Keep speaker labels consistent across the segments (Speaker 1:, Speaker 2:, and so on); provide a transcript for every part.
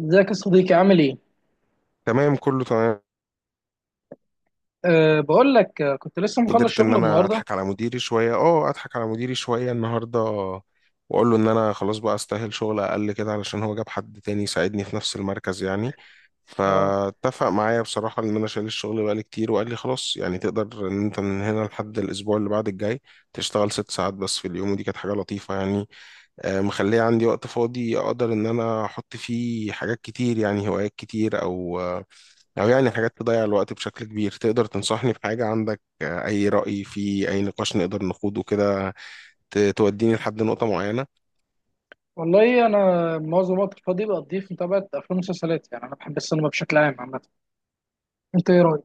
Speaker 1: ازيك يا صديقي؟ عامل ايه؟
Speaker 2: تمام، كله تمام.
Speaker 1: بقول لك، كنت لسه مخلص
Speaker 2: قدرت ان
Speaker 1: شغل
Speaker 2: انا
Speaker 1: النهارده.
Speaker 2: اضحك على مديري شويه النهارده، واقول له ان انا خلاص بقى استاهل شغل اقل كده، علشان هو جاب حد تاني يساعدني في نفس المركز يعني.
Speaker 1: اه
Speaker 2: فاتفق معايا بصراحه ان انا شايل الشغل بقالي كتير، وقال لي خلاص يعني تقدر ان انت من هنا لحد الاسبوع اللي بعد الجاي تشتغل 6 ساعات بس في اليوم، ودي كانت حاجه لطيفه يعني. مخليه عندي وقت فاضي اقدر ان انا احط فيه حاجات كتير يعني، هوايات كتير او او يعني حاجات تضيع الوقت بشكل كبير. تقدر تنصحني بحاجة عندك؟ اي رأي في اي نقاش نقدر نخوضه كده توديني لحد نقطة معينة؟
Speaker 1: والله انا معظم وقت الفاضي بقضيه في متابعه افلام ومسلسلات، يعني انا بحب السينما بشكل عام عامه. انت ايه رايك؟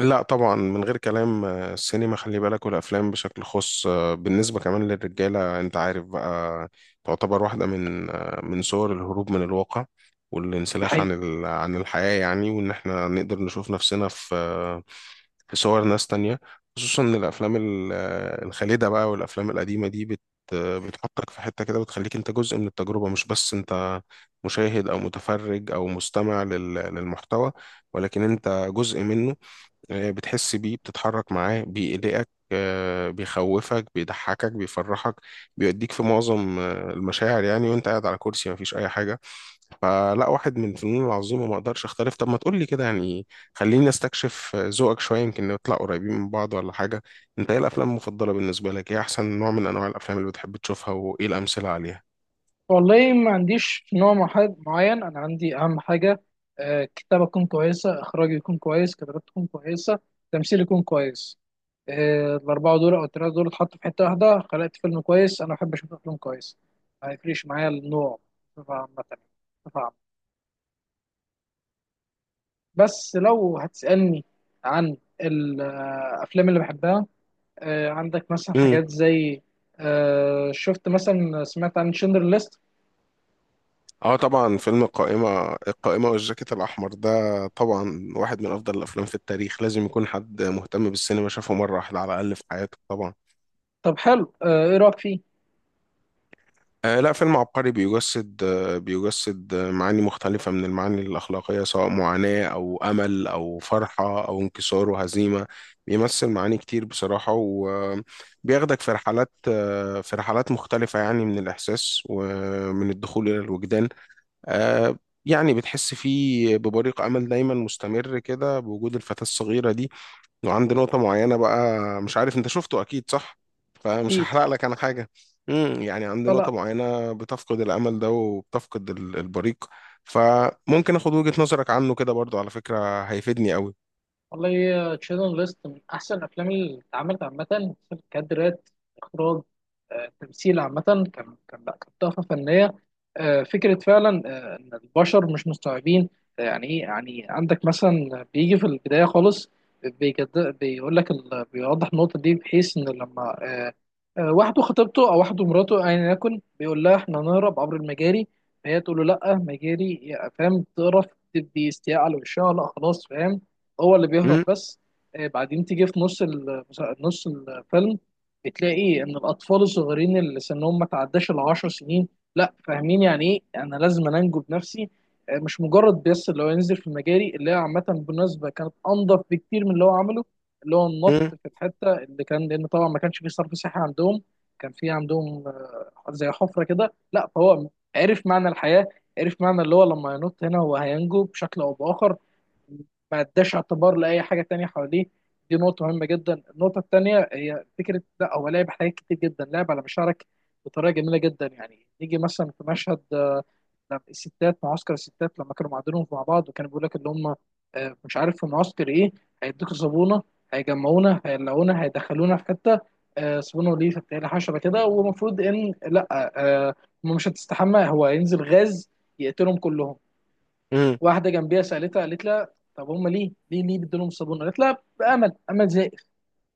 Speaker 2: لا طبعا من غير كلام، السينما، خلي بالك، والافلام بشكل خاص بالنسبة كمان للرجالة انت عارف بقى، تعتبر واحدة من صور الهروب من الواقع والانسلاخ عن
Speaker 1: حقيقي.
Speaker 2: ال- عن الحياة يعني، وإن إحنا نقدر نشوف نفسنا في صور ناس تانية، خصوصا ان الافلام الخالدة بقى، والافلام القديمة دي بتحطك في حتة كده، بتخليك انت جزء من التجربة، مش بس انت مشاهد او متفرج او مستمع للمحتوى، ولكن انت جزء منه. بتحس بيه، بتتحرك معاه، بيقلقك، بيخوفك، بيضحكك، بيفرحك، بيوديك في معظم المشاعر يعني، وانت قاعد على كرسي مفيش اي حاجة. فلا، واحد من الفنون العظيمة، ما اقدرش اختلف. طب ما تقول لي كده يعني، خليني استكشف ذوقك شوية، يمكن نطلع قريبين من بعض ولا حاجة. انت ايه الافلام المفضلة بالنسبة لك؟ ايه احسن نوع من انواع الافلام اللي بتحب تشوفها، وايه الامثلة عليها؟
Speaker 1: والله ما عنديش نوع معين، انا عندي اهم حاجه. أه، كتابه تكون كويسه، اخراج يكون كويس، كتابات تكون كويسه، تمثيل يكون كويس. أه الاربعه دول او الثلاثه دول اتحطوا في حته واحده خلقت فيلم كويس. انا بحب اشوف افلام كويس، ما يفرقش معايا النوع بصفه عامه. بس لو هتسألني عن الأفلام اللي بحبها، عندك مثلا
Speaker 2: امم.
Speaker 1: حاجات زي، آه، شفت مثلا سمعت عن شندر ليست.
Speaker 2: اه طبعا، فيلم القائمة والجاكيت الاحمر ده طبعا واحد من افضل الافلام في التاريخ، لازم يكون حد مهتم بالسينما شافه مرة واحدة على الاقل في حياته طبعا.
Speaker 1: طب حلو، إيه رأيك فيه؟
Speaker 2: لا، فيلم عبقري، بيجسد معاني مختلفة من المعاني الأخلاقية، سواء معاناة أو أمل أو فرحة أو انكسار وهزيمة، بيمثل معاني كتير بصراحة، وبياخدك في رحلات آه في رحلات مختلفة يعني، من الإحساس ومن الدخول إلى الوجدان آه يعني بتحس فيه ببريق أمل دايما مستمر كده، بوجود الفتاة الصغيرة دي. وعندي نقطة معينة بقى، مش عارف انت شفته، اكيد صح، فمش
Speaker 1: أكيد.
Speaker 2: هحرق لك انا حاجة. يعني عندي
Speaker 1: فلا،
Speaker 2: نقطة معينة بتفقد الامل ده وبتفقد البريق، فممكن اخد وجهة نظرك عنه كده برضو، على فكرة هيفيدني قوي.
Speaker 1: والله تشيلدرن ليست من احسن الافلام اللي اتعملت عامه. كادرات، اخراج، تمثيل، عامه كان كان لا كانت تحفه فنيه. فكره فعلا، ان البشر مش مستوعبين، يعني ايه. يعني عندك مثلا بيجي في البدايه خالص، بيجد بيقول لك، بيوضح النقطه دي، بحيث ان لما واحده خطيبته او واحده مراته ايا يكن، بيقول لها احنا هنهرب عبر المجاري، فهي تقول له لا مجاري فاهم، تقرف، تدي استياء على وشها، لا خلاص فاهم، هو اللي بيهرب
Speaker 2: امم.
Speaker 1: بس. بعدين تيجي في نص الفيلم، بتلاقي ان الاطفال الصغيرين اللي سنهم ما تعداش ال 10 سنين، لا، فاهمين يعني ايه، انا لازم انجو بنفسي. مش مجرد بس اللي هو ينزل في مجاري، اللي هي عامه بالمناسبه كانت انضف بكتير من اللي هو عمله، اللي هو النط
Speaker 2: امم.
Speaker 1: في الحته اللي كان، لان طبعا ما كانش فيه صرف صحي عندهم، كان في عندهم زي حفره كده، لا فهو عرف معنى الحياه، عرف معنى اللي هو لما ينط هنا هو هينجو بشكل او باخر، ما اداش اعتبار لاي حاجه تانية حواليه. دي نقطه مهمه جدا. النقطه التانية هي فكره، لا هو لعب حاجات كتير جدا، لعب على مشاعرك بطريقه جميله جدا. يعني نيجي مثلا في مشهد، لما الستات، معسكر الستات لما كانوا معدنهم مع بعض، وكانوا بيقول لك اللي هم، مش عارف في معسكر ايه، هيدوكوا صابونه، هيجمعونا هيقلعونا هيدخلونا في حته، صابونه وليه بتاعي حشره كده، ومفروض ان لا، آه، هم مش هتستحمى، هو هينزل غاز يقتلهم كلهم.
Speaker 2: امم.
Speaker 1: واحده جنبيها سالتها، قالت لها طب هم ليه بيدوا لهم الصابون؟ قالت لها بامل، امل زائف،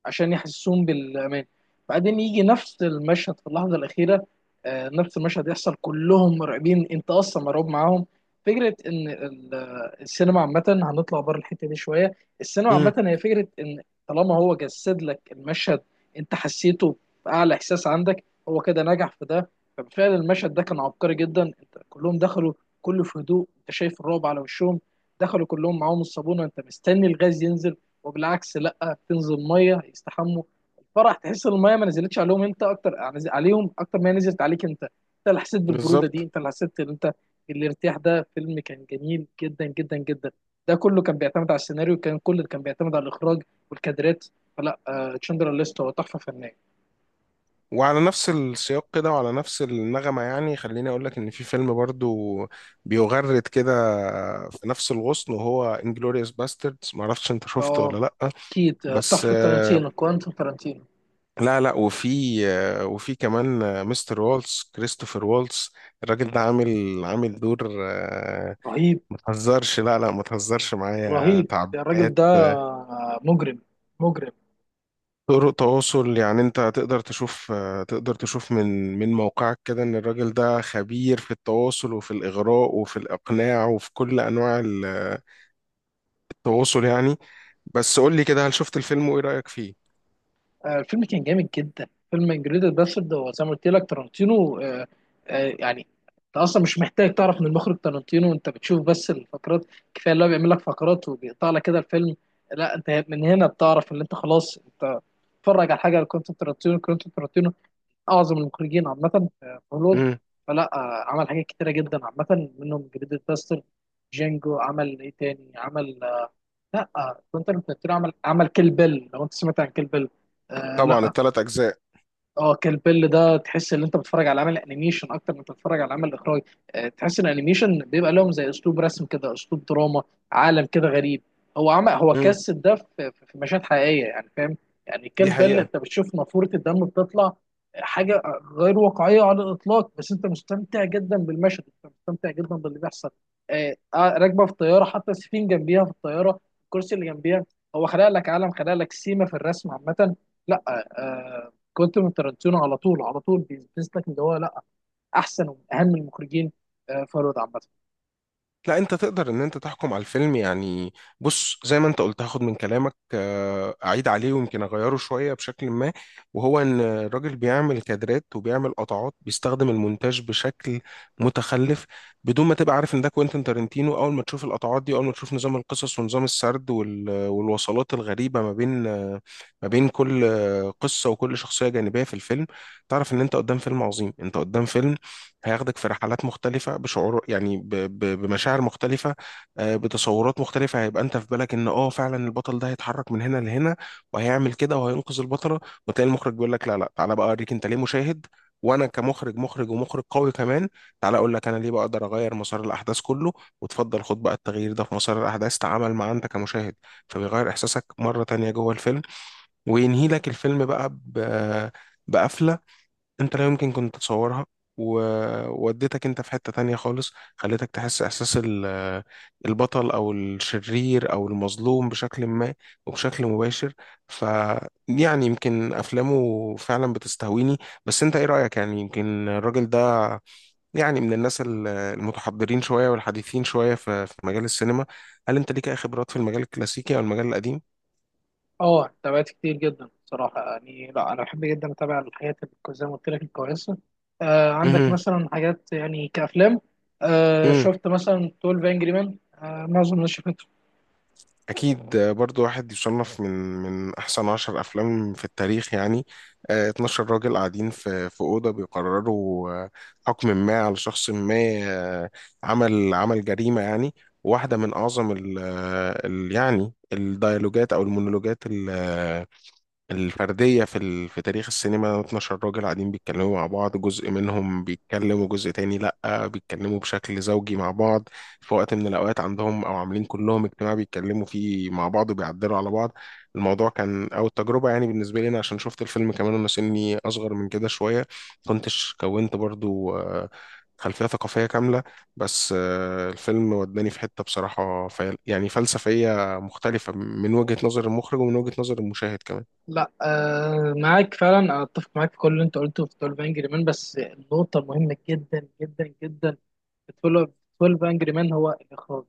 Speaker 1: عشان يحسسون بالامان. بعدين يجي نفس المشهد في اللحظه الاخيره، نفس المشهد يحصل، كلهم مرعبين، انت اصلا مرعوب معاهم. فكره ان السينما عامه، هنطلع بره الحته دي شويه، السينما
Speaker 2: امم.
Speaker 1: عامه هي فكره ان طالما هو جسد لك المشهد، انت حسيته باعلى احساس عندك، هو كده نجح في ده. فبالفعل المشهد ده كان عبقري جدا، انت كلهم دخلوا كله في هدوء، انت شايف الرعب على وشهم، دخلوا كلهم معاهم الصابونه، انت مستني الغاز ينزل، وبالعكس لا، بتنزل ميه يستحموا. الفرح، تحس ان الميه ما نزلتش عليهم، انت اكتر عليهم، اكتر ما هي نزلت عليك، انت اللي حسيت بالبروده دي،
Speaker 2: بالظبط.
Speaker 1: انت اللي حسيت ان انت الارتياح ده. فيلم كان جميل جدا جدا جدا، ده كله كان بيعتمد على السيناريو، كله كان بيعتمد على الاخراج والكادرات. فلا، آه، تشندر ليست هو تحفه فنيه.
Speaker 2: وعلى نفس السياق كده وعلى نفس النغمة يعني، خليني اقول لك ان في فيلم برضو بيغرد كده في نفس الغصن، وهو انجلوريوس باستردز، معرفش انت شفته
Speaker 1: اه،
Speaker 2: ولا لا.
Speaker 1: اكيد،
Speaker 2: بس
Speaker 1: تحفه تارانتينو، تارانتينو.
Speaker 2: لا لا، وفي كمان مستر والتس، كريستوفر والتس، الراجل ده عامل دور
Speaker 1: رهيب.
Speaker 2: ما تهزرش، لا لا ما تهزرش معايا،
Speaker 1: رهيب الراجل
Speaker 2: تعبيرات
Speaker 1: ده، مجرم، مجرم.
Speaker 2: طرق تواصل يعني. انت تقدر تشوف تقدر تشوف من موقعك كده ان الراجل ده خبير في التواصل وفي الاغراء وفي الاقناع وفي كل انواع التواصل يعني. بس قول لي كده، هل شفت الفيلم وايه رايك فيه؟
Speaker 1: الفيلم كان جامد جدا، فيلم انجريدد باسرد، هو زي ما قلت لك تارانتينو، آه، يعني انت اصلا مش محتاج تعرف من المخرج تارانتينو، انت بتشوف بس الفقرات، كفايه اللي هو بيعمل لك فقرات وبيقطع لك كده الفيلم، لا انت من هنا بتعرف ان انت خلاص، انت بتتفرج على حاجه لكوينتين تارانتينو. كوينتين تارانتينو اعظم المخرجين عامه في هوليوود.
Speaker 2: امم.
Speaker 1: فلا، عمل حاجات كتيره جدا عامه منهم انجريدد باسرد، جانجو، عمل ايه تاني، عمل آه، لا آه، كوينتين تارانتينو عمل كيل بيل، لو انت سمعت عن كيل بيل. آه
Speaker 2: طبعا،
Speaker 1: لا.
Speaker 2: 3 اجزاء.
Speaker 1: اه، كيل بيل ده تحس ان انت بتتفرج على عمل انيميشن اكتر من بتتفرج على عمل اخراج. تحس ان الانيميشن بيبقى لهم زي اسلوب رسم كده، اسلوب دراما، عالم كده غريب. هو
Speaker 2: امم.
Speaker 1: جسد ده في مشاهد حقيقيه، يعني فاهم. يعني
Speaker 2: دي
Speaker 1: كيل بيل
Speaker 2: حقيقة.
Speaker 1: انت بتشوف نافوره الدم بتطلع، حاجه غير واقعيه على الاطلاق، بس انت مستمتع جدا بالمشهد، انت مستمتع جدا باللي بيحصل. راكبه في الطياره، حتى السفين جنبيها في الطياره، الكرسي اللي جنبيها، هو خلق لك عالم، خلق لك سيما في الرسم عامه. لا آه، آه، كنت من تارانتينو على طول، على طول بيثبت لك ان هو لا، احسن ومن اهم المخرجين، فرد عامه.
Speaker 2: لا انت تقدر ان انت تحكم على الفيلم يعني. بص، زي ما انت قلت، هاخد من كلامك اعيد عليه ويمكن اغيره شوية بشكل ما، وهو ان الراجل بيعمل كادرات وبيعمل قطعات، بيستخدم المونتاج بشكل متخلف. بدون ما تبقى عارف ان ده كوينتين تارنتينو، اول ما تشوف القطعات دي، اول ما تشوف نظام القصص ونظام السرد والوصلات الغريبة ما بين ما بين كل قصة وكل شخصية جانبية في الفيلم، تعرف ان انت قدام فيلم عظيم. انت قدام فيلم هياخدك في رحلات مختلفة بشعور يعني بمشاعر مختلفة، بتصورات مختلفة. هيبقى انت في بالك ان فعلا البطل ده هيتحرك من هنا لهنا وهيعمل كده وهينقذ البطلة، وتلاقي المخرج بيقول لك لا لا، تعالى بقى اوريك انت ليه مشاهد، وانا كمخرج، مخرج ومخرج قوي كمان، تعالى اقول لك انا ليه بقى اقدر اغير مسار الاحداث كله، وتفضل خد بقى التغيير ده في مسار الاحداث، تعامل مع انت كمشاهد، فبيغير احساسك مرة تانية جوه الفيلم. وينهي لك الفيلم بقى بقفلة انت لا يمكن كنت تتصورها، ووديتك انت في حتة تانية خالص، خليتك تحس احساس البطل او الشرير او المظلوم بشكل ما وبشكل مباشر. ف يعني يمكن افلامه فعلا بتستهويني، بس انت ايه رأيك؟ يعني يمكن الراجل ده يعني من الناس المتحضرين شوية والحديثين شوية في مجال السينما. هل انت ليك اي خبرات في المجال الكلاسيكي او المجال القديم؟
Speaker 1: اه، تابعت كتير جدا بصراحه، يعني لا، انا بحب جدا اتابع الحاجات، زي ما قلت لك الكويسه. آه، عندك مثلا حاجات يعني كافلام. آه،
Speaker 2: مهم.
Speaker 1: شفت مثلا 12 انجري مان؟ آه معظم الناس شافته.
Speaker 2: أكيد، برضو واحد يصنف من أحسن 10 أفلام في التاريخ يعني. 12 راجل قاعدين في أوضة بيقرروا حكم ما على شخص ما، آه، عمل جريمة يعني. واحدة من أعظم يعني الديالوجات أو المونولوجات الفردية في تاريخ السينما. 12 راجل قاعدين بيتكلموا مع بعض، جزء منهم بيتكلموا، جزء تاني لأ بيتكلموا بشكل زوجي مع بعض، في وقت من الأوقات عندهم، أو عاملين كلهم اجتماع بيتكلموا فيه مع بعض وبيعدلوا على بعض. الموضوع كان، أو التجربة يعني بالنسبة لي أنا، عشان شفت الفيلم كمان وأنا سني أصغر من كده شوية، كنتش كونت برضو خلفية ثقافية كاملة. بس الفيلم وداني في حتة بصراحة يعني فلسفية مختلفة، من وجهة نظر المخرج ومن وجهة نظر المشاهد كمان.
Speaker 1: لا آه، معاك فعلا، أنا اتفق معاك في كل اللي انت قلته في 12 انجري مان، بس النقطه مهمه جدا جدا جدا. 12 12 انجري مان هو الاخراج،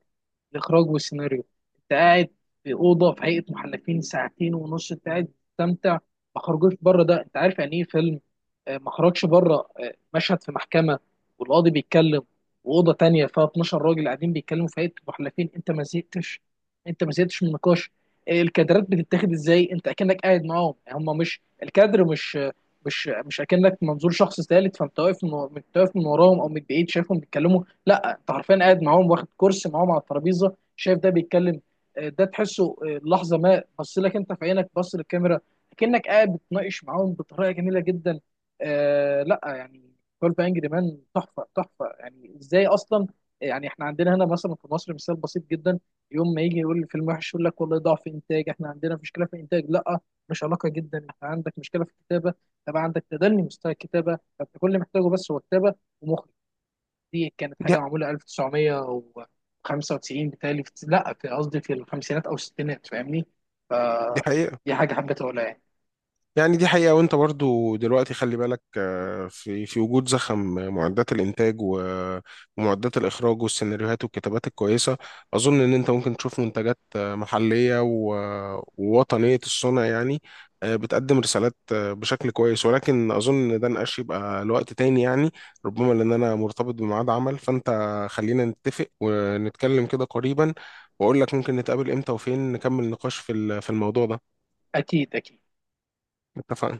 Speaker 1: الاخراج والسيناريو. انت قاعد في اوضه، في هيئه محلفين، ساعتين ونص انت قاعد تستمتع، ما خرجوش بره. ده انت عارف يعني ايه فيلم؟ ما خرجش بره، مشهد في محكمه والقاضي بيتكلم، واوضه تانية فيها 12 راجل قاعدين بيتكلموا في هيئه محلفين، انت ما زهقتش من النقاش. الكادرات بتتاخد ازاي، انت اكنك قاعد معاهم، هم مش الكادر مش آه، مش مش اكنك منظور شخص ثالث، فانت واقف من وراهم او من بعيد شايفهم بيتكلموا. لا انت حرفيا قاعد معاهم، واخد كرسي معاهم على الترابيزه، شايف ده بيتكلم، ده تحسه لحظه ما بص لك انت في عينك، بص للكاميرا كأنك قاعد بتناقش معاهم بطريقه جميله جدا. لا يعني، 12 انجري مان تحفه، تحفه، يعني ازاي اصلا؟ يعني احنا عندنا هنا مثلا في مصر مثال بسيط جدا، يوم ما يجي يقول الفيلم وحش، يقول لك والله ضعف انتاج، احنا عندنا مشكله في الانتاج، لا، مش علاقه جدا، انت عندك مشكله في الكتابه. طب عندك تدني مستوى الكتابه، فانت كل اللي محتاجه بس هو كتابه ومخرج. دي كانت
Speaker 2: دي
Speaker 1: حاجه معموله 1995، بتهيألي في... لا في، قصدي في الخمسينات او الستينات، فاهمني؟
Speaker 2: دي حقيقة.
Speaker 1: فدي حاجه حبيت اقولها يعني.
Speaker 2: يعني دي حقيقة، وانت برضو دلوقتي خلي بالك في وجود زخم، معدات الانتاج ومعدات الاخراج والسيناريوهات والكتابات الكويسة. اظن ان انت ممكن تشوف منتجات محلية ووطنية الصنع يعني، بتقدم رسالات بشكل كويس، ولكن اظن ان ده نقاش يبقى لوقت تاني يعني. ربما لان انا مرتبط بميعاد عمل، فانت خلينا نتفق ونتكلم كده قريبا، واقول لك ممكن نتقابل امتى وفين نكمل نقاش في الموضوع ده.
Speaker 1: اكيد، اكيد.
Speaker 2: اتفقنا.